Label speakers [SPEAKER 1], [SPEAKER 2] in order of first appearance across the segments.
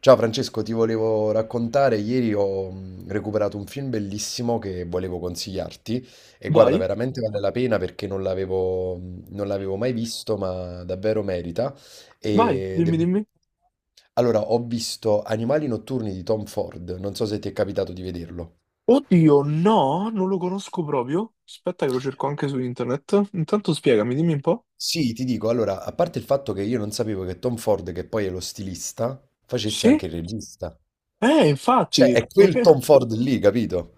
[SPEAKER 1] Ciao Francesco, ti volevo raccontare, ieri ho recuperato un film bellissimo che volevo consigliarti e guarda,
[SPEAKER 2] Vai,
[SPEAKER 1] veramente vale la pena perché non l'avevo mai visto, ma davvero merita.
[SPEAKER 2] vai,
[SPEAKER 1] Ed è
[SPEAKER 2] dimmi,
[SPEAKER 1] un-
[SPEAKER 2] dimmi.
[SPEAKER 1] Allora, ho visto Animali notturni di Tom Ford, non so se ti è capitato di vederlo.
[SPEAKER 2] Oddio, no, non lo conosco proprio. Aspetta che lo cerco anche su internet. Intanto spiegami, dimmi un po'.
[SPEAKER 1] Sì, ti dico, allora, a parte il fatto che io non sapevo che Tom Ford, che poi è lo stilista, facesse
[SPEAKER 2] Sì?
[SPEAKER 1] anche il regista. Cioè,
[SPEAKER 2] Infatti,
[SPEAKER 1] è
[SPEAKER 2] ma
[SPEAKER 1] quel Tom
[SPEAKER 2] che...
[SPEAKER 1] Ford lì, capito?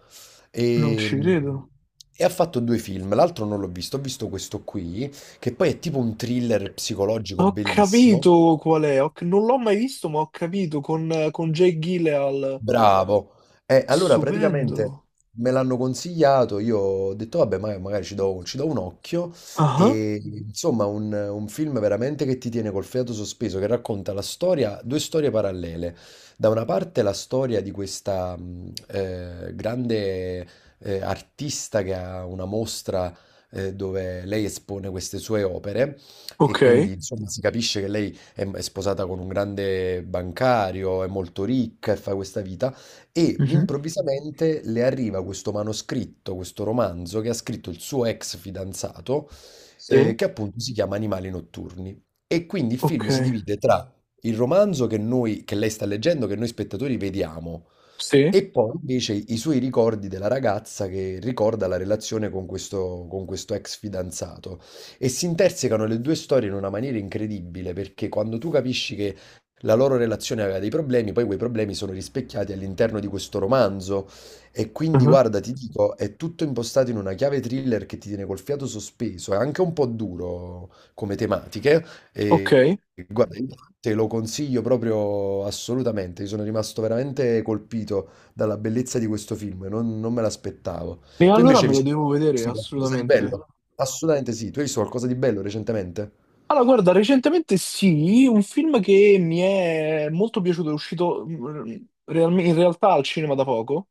[SPEAKER 2] Non ci
[SPEAKER 1] E,
[SPEAKER 2] credo.
[SPEAKER 1] e ha fatto due film. L'altro non l'ho visto, ho visto questo qui, che poi è tipo un thriller psicologico
[SPEAKER 2] Ho
[SPEAKER 1] bellissimo.
[SPEAKER 2] capito qual è, non l'ho mai visto, ma ho capito, con Jake Gyllenhaal.
[SPEAKER 1] Bravo. E allora
[SPEAKER 2] Stupendo.
[SPEAKER 1] praticamente me l'hanno consigliato, io ho detto vabbè, ma- magari ci do un occhio
[SPEAKER 2] Ah,
[SPEAKER 1] e insomma un film veramente che ti tiene col fiato sospeso, che racconta la storia, due storie parallele. Da una parte la storia di questa grande artista che ha una mostra dove lei espone queste sue opere e
[SPEAKER 2] ok.
[SPEAKER 1] quindi insomma si capisce che lei è sposata con un grande bancario, è molto ricca e fa questa vita, e
[SPEAKER 2] Mhm.
[SPEAKER 1] improvvisamente le arriva questo manoscritto, questo romanzo che ha scritto il suo ex fidanzato,
[SPEAKER 2] Sì.
[SPEAKER 1] che appunto si chiama Animali notturni. E quindi il film
[SPEAKER 2] Ok.
[SPEAKER 1] si divide tra il romanzo che lei sta leggendo, che noi spettatori vediamo,
[SPEAKER 2] Sì.
[SPEAKER 1] e poi invece i suoi ricordi della ragazza che ricorda la relazione con questo ex fidanzato. E si intersecano le due storie in una maniera incredibile, perché quando tu capisci che la loro relazione aveva dei problemi, poi quei problemi sono rispecchiati all'interno di questo romanzo. E quindi,
[SPEAKER 2] Ah,
[SPEAKER 1] guarda, ti dico, è tutto impostato in una chiave thriller che ti tiene col fiato sospeso, è anche un po' duro come tematiche.
[SPEAKER 2] ok.
[SPEAKER 1] E
[SPEAKER 2] E
[SPEAKER 1] guarda, io te lo consiglio proprio assolutamente, io sono rimasto veramente colpito dalla bellezza di questo film, non me l'aspettavo. Tu
[SPEAKER 2] allora
[SPEAKER 1] invece hai
[SPEAKER 2] me lo
[SPEAKER 1] visto
[SPEAKER 2] devo vedere,
[SPEAKER 1] qualcosa di
[SPEAKER 2] assolutamente.
[SPEAKER 1] bello? Assolutamente sì, tu hai visto qualcosa di bello recentemente?
[SPEAKER 2] Allora, guarda, recentemente sì, un film che mi è molto piaciuto, è uscito in realtà al cinema da poco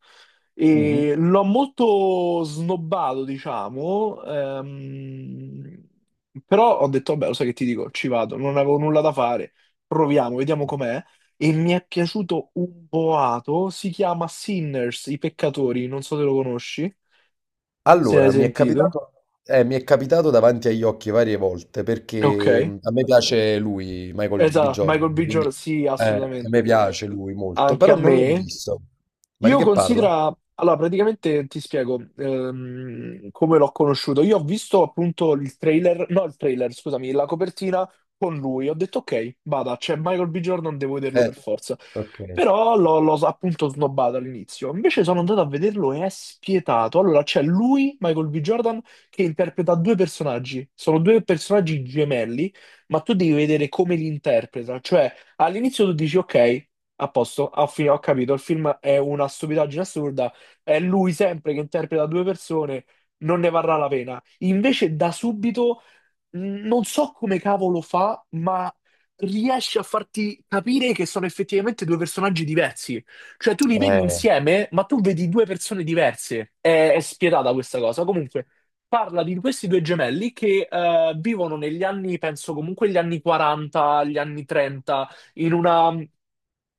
[SPEAKER 1] Mm.
[SPEAKER 2] e l'ho molto snobbato, diciamo, però ho detto, vabbè, lo sai che ti dico, ci vado, non avevo nulla da fare, proviamo, vediamo com'è e mi è piaciuto un boato, si chiama Sinners, I peccatori, non so se lo conosci, se ne hai
[SPEAKER 1] Allora,
[SPEAKER 2] sentito.
[SPEAKER 1] mi è capitato davanti agli occhi varie volte
[SPEAKER 2] Ok,
[SPEAKER 1] perché a me piace lui, Michael B.
[SPEAKER 2] esatto, Michael
[SPEAKER 1] Jordan,
[SPEAKER 2] B. Jordan,
[SPEAKER 1] quindi
[SPEAKER 2] sì,
[SPEAKER 1] a me
[SPEAKER 2] assolutamente.
[SPEAKER 1] piace lui molto,
[SPEAKER 2] Anche
[SPEAKER 1] però
[SPEAKER 2] a
[SPEAKER 1] non l'ho
[SPEAKER 2] me.
[SPEAKER 1] visto. Ma di
[SPEAKER 2] Io
[SPEAKER 1] che parla?
[SPEAKER 2] considero, allora praticamente ti spiego come l'ho conosciuto. Io ho visto appunto il trailer, no il trailer, scusami, la copertina con lui. Ho detto ok, vada, c'è Michael B. Jordan, devo vederlo
[SPEAKER 1] Eh,
[SPEAKER 2] per forza.
[SPEAKER 1] ok.
[SPEAKER 2] Però l'ho appunto snobbato all'inizio. Invece sono andato a vederlo e è spietato. Allora c'è lui, Michael B. Jordan, che interpreta due personaggi. Sono due personaggi gemelli, ma tu devi vedere come li interpreta. Cioè, all'inizio tu dici ok. A posto, ah, ho capito, il film è una stupidaggine assurda, è lui sempre che interpreta due persone, non ne varrà la pena. Invece da subito non so come cavolo fa, ma riesce a farti capire che sono effettivamente due personaggi diversi. Cioè, tu li vedi
[SPEAKER 1] Eh,
[SPEAKER 2] insieme, ma tu vedi due persone diverse. È spietata questa cosa. Comunque, parla di questi due gemelli che vivono negli anni, penso comunque gli anni 40, gli anni 30, in una...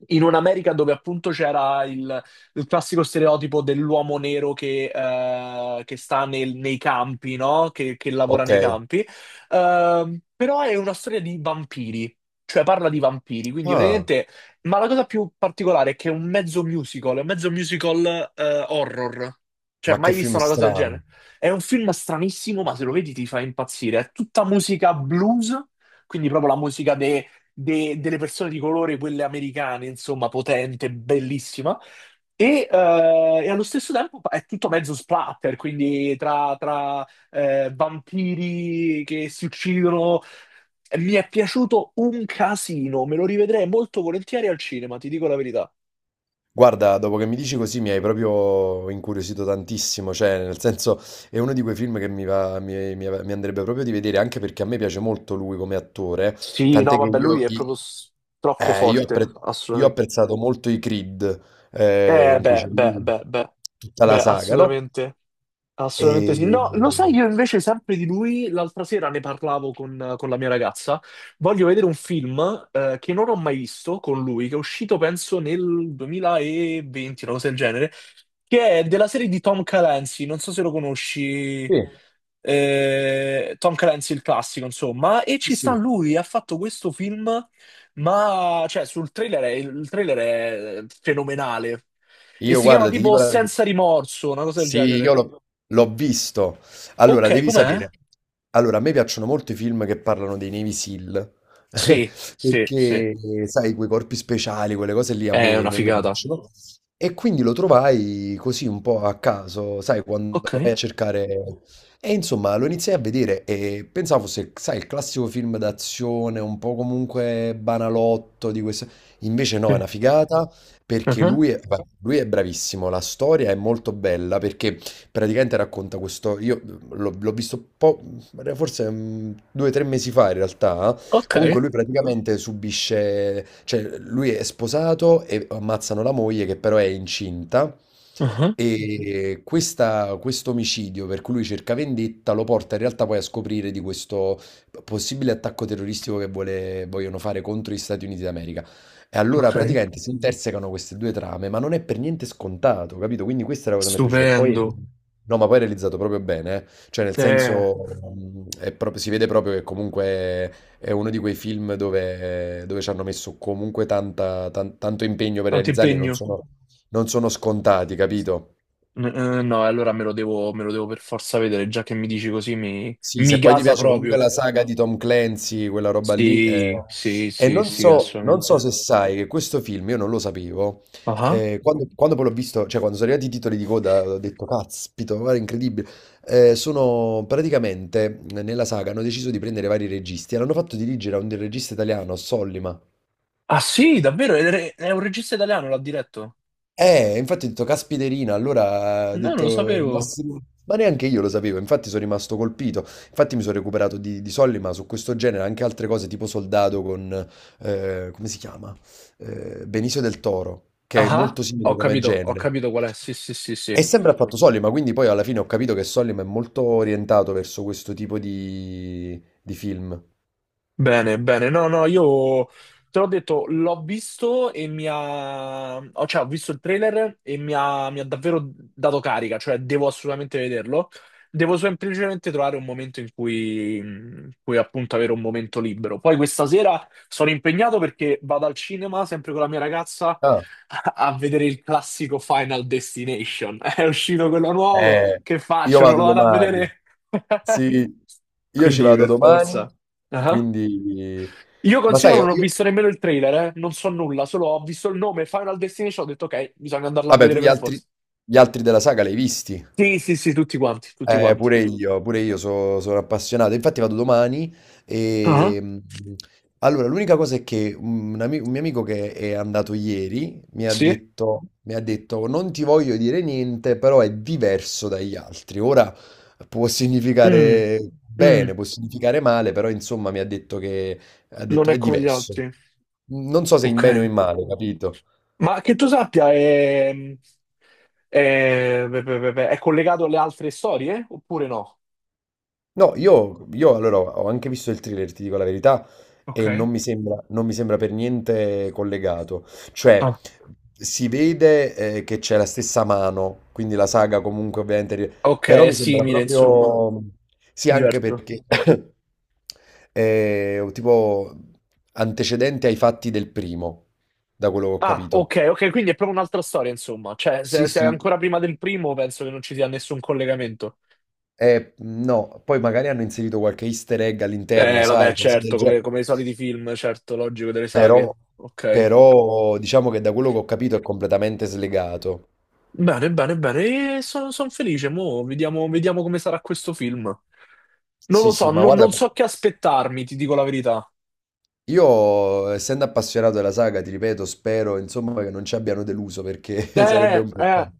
[SPEAKER 2] In un'America dove appunto c'era il classico stereotipo dell'uomo nero che sta nei campi, no? Che lavora
[SPEAKER 1] ok.
[SPEAKER 2] nei campi. Però è una storia di vampiri, cioè parla di vampiri, quindi
[SPEAKER 1] Ah,
[SPEAKER 2] praticamente... Ma la cosa più particolare è che è un mezzo musical, è un mezzo musical horror. Cioè,
[SPEAKER 1] ma che
[SPEAKER 2] mai visto
[SPEAKER 1] film
[SPEAKER 2] una cosa del
[SPEAKER 1] strano.
[SPEAKER 2] genere? È un film stranissimo, ma se lo vedi ti fa impazzire. È tutta musica blues, quindi proprio la musica delle persone di colore, quelle americane, insomma, potente, bellissima. E, eh, e allo stesso tempo è tutto mezzo splatter, quindi tra vampiri che si uccidono. Mi è piaciuto un casino, me lo rivedrei molto volentieri al cinema, ti dico la verità.
[SPEAKER 1] Guarda, dopo che mi dici così mi hai proprio incuriosito tantissimo, cioè nel senso è uno di quei film che mi va, mi andrebbe proprio di vedere, anche perché a me piace molto lui come attore,
[SPEAKER 2] Sì, no,
[SPEAKER 1] tant'è che
[SPEAKER 2] vabbè,
[SPEAKER 1] io,
[SPEAKER 2] lui è proprio
[SPEAKER 1] i-
[SPEAKER 2] troppo
[SPEAKER 1] io, ho
[SPEAKER 2] forte,
[SPEAKER 1] appre- io ho
[SPEAKER 2] assolutamente.
[SPEAKER 1] apprezzato molto i Creed, in cui
[SPEAKER 2] Beh,
[SPEAKER 1] c'è
[SPEAKER 2] beh,
[SPEAKER 1] lui,
[SPEAKER 2] beh, beh,
[SPEAKER 1] tutta
[SPEAKER 2] beh,
[SPEAKER 1] la saga, no?
[SPEAKER 2] assolutamente, assolutamente sì.
[SPEAKER 1] E...
[SPEAKER 2] No, lo sai, io invece sempre di lui, l'altra sera ne parlavo con la mia ragazza, voglio vedere un film che non ho mai visto con lui, che è uscito penso nel 2020, una cosa del genere, che è della serie di Tom Clancy, non so se lo conosci,
[SPEAKER 1] Sì,
[SPEAKER 2] Tom Clancy il classico, insomma, e
[SPEAKER 1] sì,
[SPEAKER 2] ci sta
[SPEAKER 1] sì.
[SPEAKER 2] lui, ha fatto questo film ma, cioè, sul trailer, il trailer è fenomenale. E
[SPEAKER 1] Io
[SPEAKER 2] si chiama
[SPEAKER 1] guarda, ti
[SPEAKER 2] tipo
[SPEAKER 1] dico la verità.
[SPEAKER 2] Senza rimorso, una cosa del
[SPEAKER 1] Sì, io
[SPEAKER 2] genere.
[SPEAKER 1] l'ho l'ho visto. Allora,
[SPEAKER 2] Ok,
[SPEAKER 1] devi
[SPEAKER 2] com'è?
[SPEAKER 1] sapere. Allora, a me piacciono molto i film che parlano dei Navy SEAL,
[SPEAKER 2] Sì, sì, sì.
[SPEAKER 1] perché, sai, quei corpi speciali, quelle cose lì
[SPEAKER 2] È una
[SPEAKER 1] a me
[SPEAKER 2] figata.
[SPEAKER 1] piacciono. E quindi lo trovai così un po' a caso, sai, quando
[SPEAKER 2] Ok,
[SPEAKER 1] vai a cercare... E insomma, lo iniziai a vedere e pensavo fosse, sai, il classico film d'azione, un po' comunque banalotto di questo... Invece no, è
[SPEAKER 2] sì.
[SPEAKER 1] una figata perché
[SPEAKER 2] Mhm.
[SPEAKER 1] lui è bravissimo, la storia è molto bella perché praticamente racconta questo, io mhmm, l'ho l'ho visto un po', due o tre mesi fa in realtà,
[SPEAKER 2] Ok,
[SPEAKER 1] comunque lui praticamente subisce, cioè lui è sposato e ammazzano la moglie che però è incinta
[SPEAKER 2] mhm.
[SPEAKER 1] e questo omicidio per cui lui cerca vendetta lo porta in realtà poi a scoprire di questo possibile attacco terroristico che vogliono fare contro gli Stati Uniti d'America. E allora
[SPEAKER 2] Ok.
[SPEAKER 1] praticamente si intersecano queste due trame, ma non è per niente scontato, capito? Quindi questa è la cosa che mi è piaciuta. E poi,
[SPEAKER 2] Stupendo.
[SPEAKER 1] no, ma poi è realizzato proprio bene, eh. Cioè nel
[SPEAKER 2] Eh,
[SPEAKER 1] senso, è proprio- si vede proprio che comunque è uno di quei film dove, dove ci hanno messo comunque tanto impegno per
[SPEAKER 2] tanto
[SPEAKER 1] realizzarli e
[SPEAKER 2] impegno.
[SPEAKER 1] non sono scontati, capito?
[SPEAKER 2] No, allora me lo devo per forza vedere, già che mi dici così
[SPEAKER 1] Sì,
[SPEAKER 2] mi
[SPEAKER 1] se poi ti
[SPEAKER 2] gasa
[SPEAKER 1] piace comunque
[SPEAKER 2] proprio.
[SPEAKER 1] la saga di Tom Clancy, quella roba lì. Eh,
[SPEAKER 2] Sì, sì,
[SPEAKER 1] e
[SPEAKER 2] sì,
[SPEAKER 1] non
[SPEAKER 2] sì,
[SPEAKER 1] so, non so
[SPEAKER 2] assolutamente.
[SPEAKER 1] se sai che questo film, io non lo sapevo,
[SPEAKER 2] Ah.
[SPEAKER 1] quando poi l'ho visto, cioè quando sono arrivati i titoli di coda, ho detto, caspito, guarda, incredibile. Sono praticamente, nella saga, hanno deciso di prendere vari registi e l'hanno fatto dirigere a un regista italiano, Sollima.
[SPEAKER 2] Ah sì, davvero? È un regista italiano, l'ha diretto?
[SPEAKER 1] Infatti ho detto, caspiterina, allora ho
[SPEAKER 2] No, non lo
[SPEAKER 1] detto, il
[SPEAKER 2] sapevo.
[SPEAKER 1] nostro- ma neanche io lo sapevo, infatti sono rimasto colpito, infatti mi sono recuperato di soldi, ma su questo genere anche altre cose tipo Soldato con, come si chiama? Benicio del Toro, che è
[SPEAKER 2] Ah, ah,
[SPEAKER 1] molto simile come
[SPEAKER 2] ho
[SPEAKER 1] genere.
[SPEAKER 2] capito qual è. Sì, sì, sì,
[SPEAKER 1] E
[SPEAKER 2] sì.
[SPEAKER 1] sempre ha fatto Solima, quindi poi alla fine ho capito che Solima è molto orientato verso questo tipo di film.
[SPEAKER 2] Bene, bene. No, no, io te l'ho detto, l'ho visto e mi ha... oh, cioè, ho visto il trailer e mi ha davvero dato carica, cioè devo assolutamente vederlo. Devo semplicemente trovare un momento in cui appunto avere un momento libero. Poi questa sera sono impegnato perché vado al cinema sempre con la mia ragazza
[SPEAKER 1] Ah,
[SPEAKER 2] a vedere il classico Final Destination. È uscito quello nuovo,
[SPEAKER 1] eh,
[SPEAKER 2] che
[SPEAKER 1] io
[SPEAKER 2] faccio? Non
[SPEAKER 1] vado
[SPEAKER 2] lo vado a
[SPEAKER 1] domani.
[SPEAKER 2] vedere?
[SPEAKER 1] Sì, io ci
[SPEAKER 2] Quindi
[SPEAKER 1] vado
[SPEAKER 2] per
[SPEAKER 1] domani,
[SPEAKER 2] forza.
[SPEAKER 1] quindi...
[SPEAKER 2] Io
[SPEAKER 1] Ma sai,
[SPEAKER 2] considero non ho
[SPEAKER 1] io...
[SPEAKER 2] visto nemmeno il trailer, eh. Non so nulla, solo ho visto il nome Final Destination, ho detto ok, bisogna andarla a
[SPEAKER 1] Vabbè, tu
[SPEAKER 2] vedere
[SPEAKER 1] gli
[SPEAKER 2] per forza.
[SPEAKER 1] altri, della saga li hai visti?
[SPEAKER 2] Sì, sì, sì, tutti quanti, tutti quanti.
[SPEAKER 1] Pure io, sono appassionato. Infatti vado domani
[SPEAKER 2] Ah,
[SPEAKER 1] e... mm, allora, l'unica cosa è che un mio amico che è andato ieri mi ha
[SPEAKER 2] sì?
[SPEAKER 1] detto, non ti voglio dire niente, però è diverso dagli altri. Ora può
[SPEAKER 2] Mm,
[SPEAKER 1] significare
[SPEAKER 2] mm,
[SPEAKER 1] bene, può significare male, però insomma mi ha detto che
[SPEAKER 2] non è
[SPEAKER 1] è
[SPEAKER 2] come gli
[SPEAKER 1] diverso.
[SPEAKER 2] altri.
[SPEAKER 1] Non so se in
[SPEAKER 2] Ok.
[SPEAKER 1] bene o in male, capito?
[SPEAKER 2] Ma che tu sappia, è, beh, beh, beh, beh, è collegato alle altre storie, oppure no?
[SPEAKER 1] No, io allora ho anche visto il thriller, ti dico la verità, e
[SPEAKER 2] Ok.
[SPEAKER 1] non mi sembra per niente collegato. Cioè,
[SPEAKER 2] Ah.
[SPEAKER 1] si vede che c'è la stessa mano, quindi la saga comunque ovviamente... ri-
[SPEAKER 2] Ok,
[SPEAKER 1] Però
[SPEAKER 2] è
[SPEAKER 1] mi sembra
[SPEAKER 2] simile, insomma.
[SPEAKER 1] proprio... Sì, anche
[SPEAKER 2] Diverso.
[SPEAKER 1] perché è un tipo antecedente ai fatti del primo, da quello che ho
[SPEAKER 2] Ah,
[SPEAKER 1] capito.
[SPEAKER 2] ok, ok, quindi è proprio un'altra storia, insomma. Cioè,
[SPEAKER 1] Sì,
[SPEAKER 2] se è
[SPEAKER 1] sì.
[SPEAKER 2] ancora prima del primo, penso che non ci sia nessun collegamento.
[SPEAKER 1] No, poi magari hanno inserito qualche easter egg all'interno,
[SPEAKER 2] Vabbè,
[SPEAKER 1] sai, cose del
[SPEAKER 2] certo,
[SPEAKER 1] genere.
[SPEAKER 2] come i soliti film, certo, logico delle
[SPEAKER 1] Però,
[SPEAKER 2] saghe. Ok.
[SPEAKER 1] diciamo che da quello che ho capito è completamente slegato.
[SPEAKER 2] Bene, bene, bene. E sono felice. Mo' vediamo, vediamo come sarà questo film. Non
[SPEAKER 1] Sì,
[SPEAKER 2] lo so,
[SPEAKER 1] sì, ma guarda,
[SPEAKER 2] non so che aspettarmi, ti dico la verità.
[SPEAKER 1] io essendo appassionato della saga, ti ripeto, spero insomma che non ci abbiano deluso perché sarebbe
[SPEAKER 2] Eh,
[SPEAKER 1] un
[SPEAKER 2] eh,
[SPEAKER 1] peccato.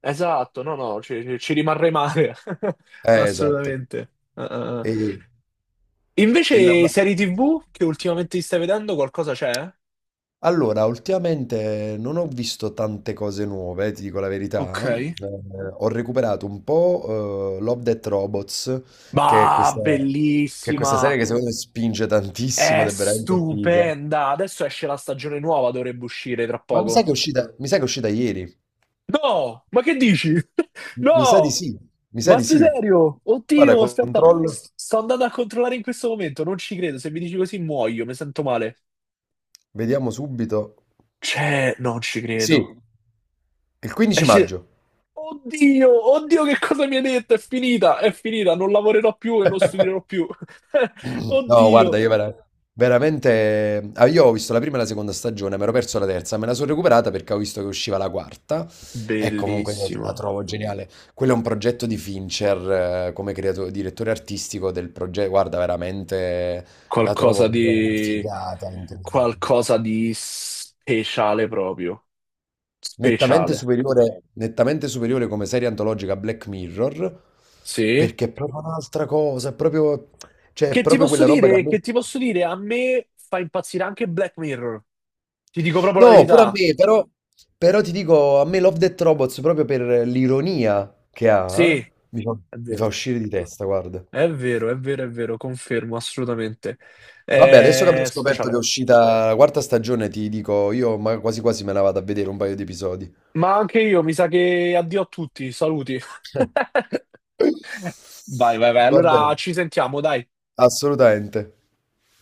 [SPEAKER 2] esatto, no, no, ci rimarrei male.
[SPEAKER 1] Esatto.
[SPEAKER 2] Assolutamente. Eh.
[SPEAKER 1] E, e la-
[SPEAKER 2] Invece,
[SPEAKER 1] la-
[SPEAKER 2] serie TV che ultimamente ti stai vedendo, qualcosa c'è?
[SPEAKER 1] allora, ultimamente non ho visto tante cose nuove, ti dico la verità.
[SPEAKER 2] Ok.
[SPEAKER 1] Ho recuperato un po' Love, Death Robots, che è
[SPEAKER 2] Bah,
[SPEAKER 1] questa, che è questa serie
[SPEAKER 2] bellissima!
[SPEAKER 1] che secondo me spinge tantissimo
[SPEAKER 2] È
[SPEAKER 1] ed è veramente figa.
[SPEAKER 2] stupenda! Adesso esce la stagione nuova, dovrebbe uscire tra
[SPEAKER 1] Ma mi sa
[SPEAKER 2] poco.
[SPEAKER 1] che è uscita, mi sa che è uscita ieri.
[SPEAKER 2] No! Ma che dici?
[SPEAKER 1] Mi mi sa di
[SPEAKER 2] No!
[SPEAKER 1] sì, mi sa
[SPEAKER 2] Ma
[SPEAKER 1] di
[SPEAKER 2] sei
[SPEAKER 1] sì.
[SPEAKER 2] serio?
[SPEAKER 1] Guarda,
[SPEAKER 2] Oddio, aspetta,
[SPEAKER 1] controllo,
[SPEAKER 2] sto andando a controllare in questo momento, non ci credo. Se mi dici così muoio, mi sento male.
[SPEAKER 1] vediamo subito.
[SPEAKER 2] Cioè, non ci
[SPEAKER 1] Sì,
[SPEAKER 2] credo.
[SPEAKER 1] il 15
[SPEAKER 2] Esce...
[SPEAKER 1] maggio.
[SPEAKER 2] Oddio, oddio, che cosa mi hai detto? È finita, non lavorerò più e non studierò più.
[SPEAKER 1] No,
[SPEAKER 2] Oddio.
[SPEAKER 1] guarda, veramente... ah, io ho visto la prima e la seconda stagione, mi ero perso la terza, me la sono recuperata perché ho visto che usciva la quarta e comunque io la
[SPEAKER 2] Bellissima.
[SPEAKER 1] trovo geniale. Quello è un progetto di Fincher come creato- direttore artistico del progetto, guarda, veramente la trovo
[SPEAKER 2] Qualcosa
[SPEAKER 1] proprio una
[SPEAKER 2] di...
[SPEAKER 1] figata, incredibile.
[SPEAKER 2] qualcosa di speciale proprio. Speciale.
[SPEAKER 1] Nettamente superiore come serie antologica a Black Mirror,
[SPEAKER 2] Sì.
[SPEAKER 1] perché è proprio un'altra cosa, è proprio, cioè, è
[SPEAKER 2] Che ti
[SPEAKER 1] proprio
[SPEAKER 2] posso
[SPEAKER 1] quella roba che a
[SPEAKER 2] dire?
[SPEAKER 1] me...
[SPEAKER 2] Che ti posso dire? A me fa impazzire anche Black Mirror. Ti dico proprio la
[SPEAKER 1] No, pure a
[SPEAKER 2] verità.
[SPEAKER 1] me, però, però ti dico, a me Love Death Robots, proprio per l'ironia che
[SPEAKER 2] Sì,
[SPEAKER 1] ha, mi fa,
[SPEAKER 2] è
[SPEAKER 1] mi fa
[SPEAKER 2] vero.
[SPEAKER 1] uscire di testa, guarda.
[SPEAKER 2] È vero, è vero, è vero, confermo assolutamente.
[SPEAKER 1] Vabbè, adesso che abbiamo
[SPEAKER 2] È
[SPEAKER 1] scoperto che è
[SPEAKER 2] speciale.
[SPEAKER 1] uscita la quarta stagione, ti dico, io ma quasi quasi me la vado a vedere un paio di episodi.
[SPEAKER 2] Ma anche io, mi sa che addio a tutti, saluti. Vai, vai, vai.
[SPEAKER 1] Va
[SPEAKER 2] Allora
[SPEAKER 1] bene,
[SPEAKER 2] ci sentiamo, dai.
[SPEAKER 1] assolutamente.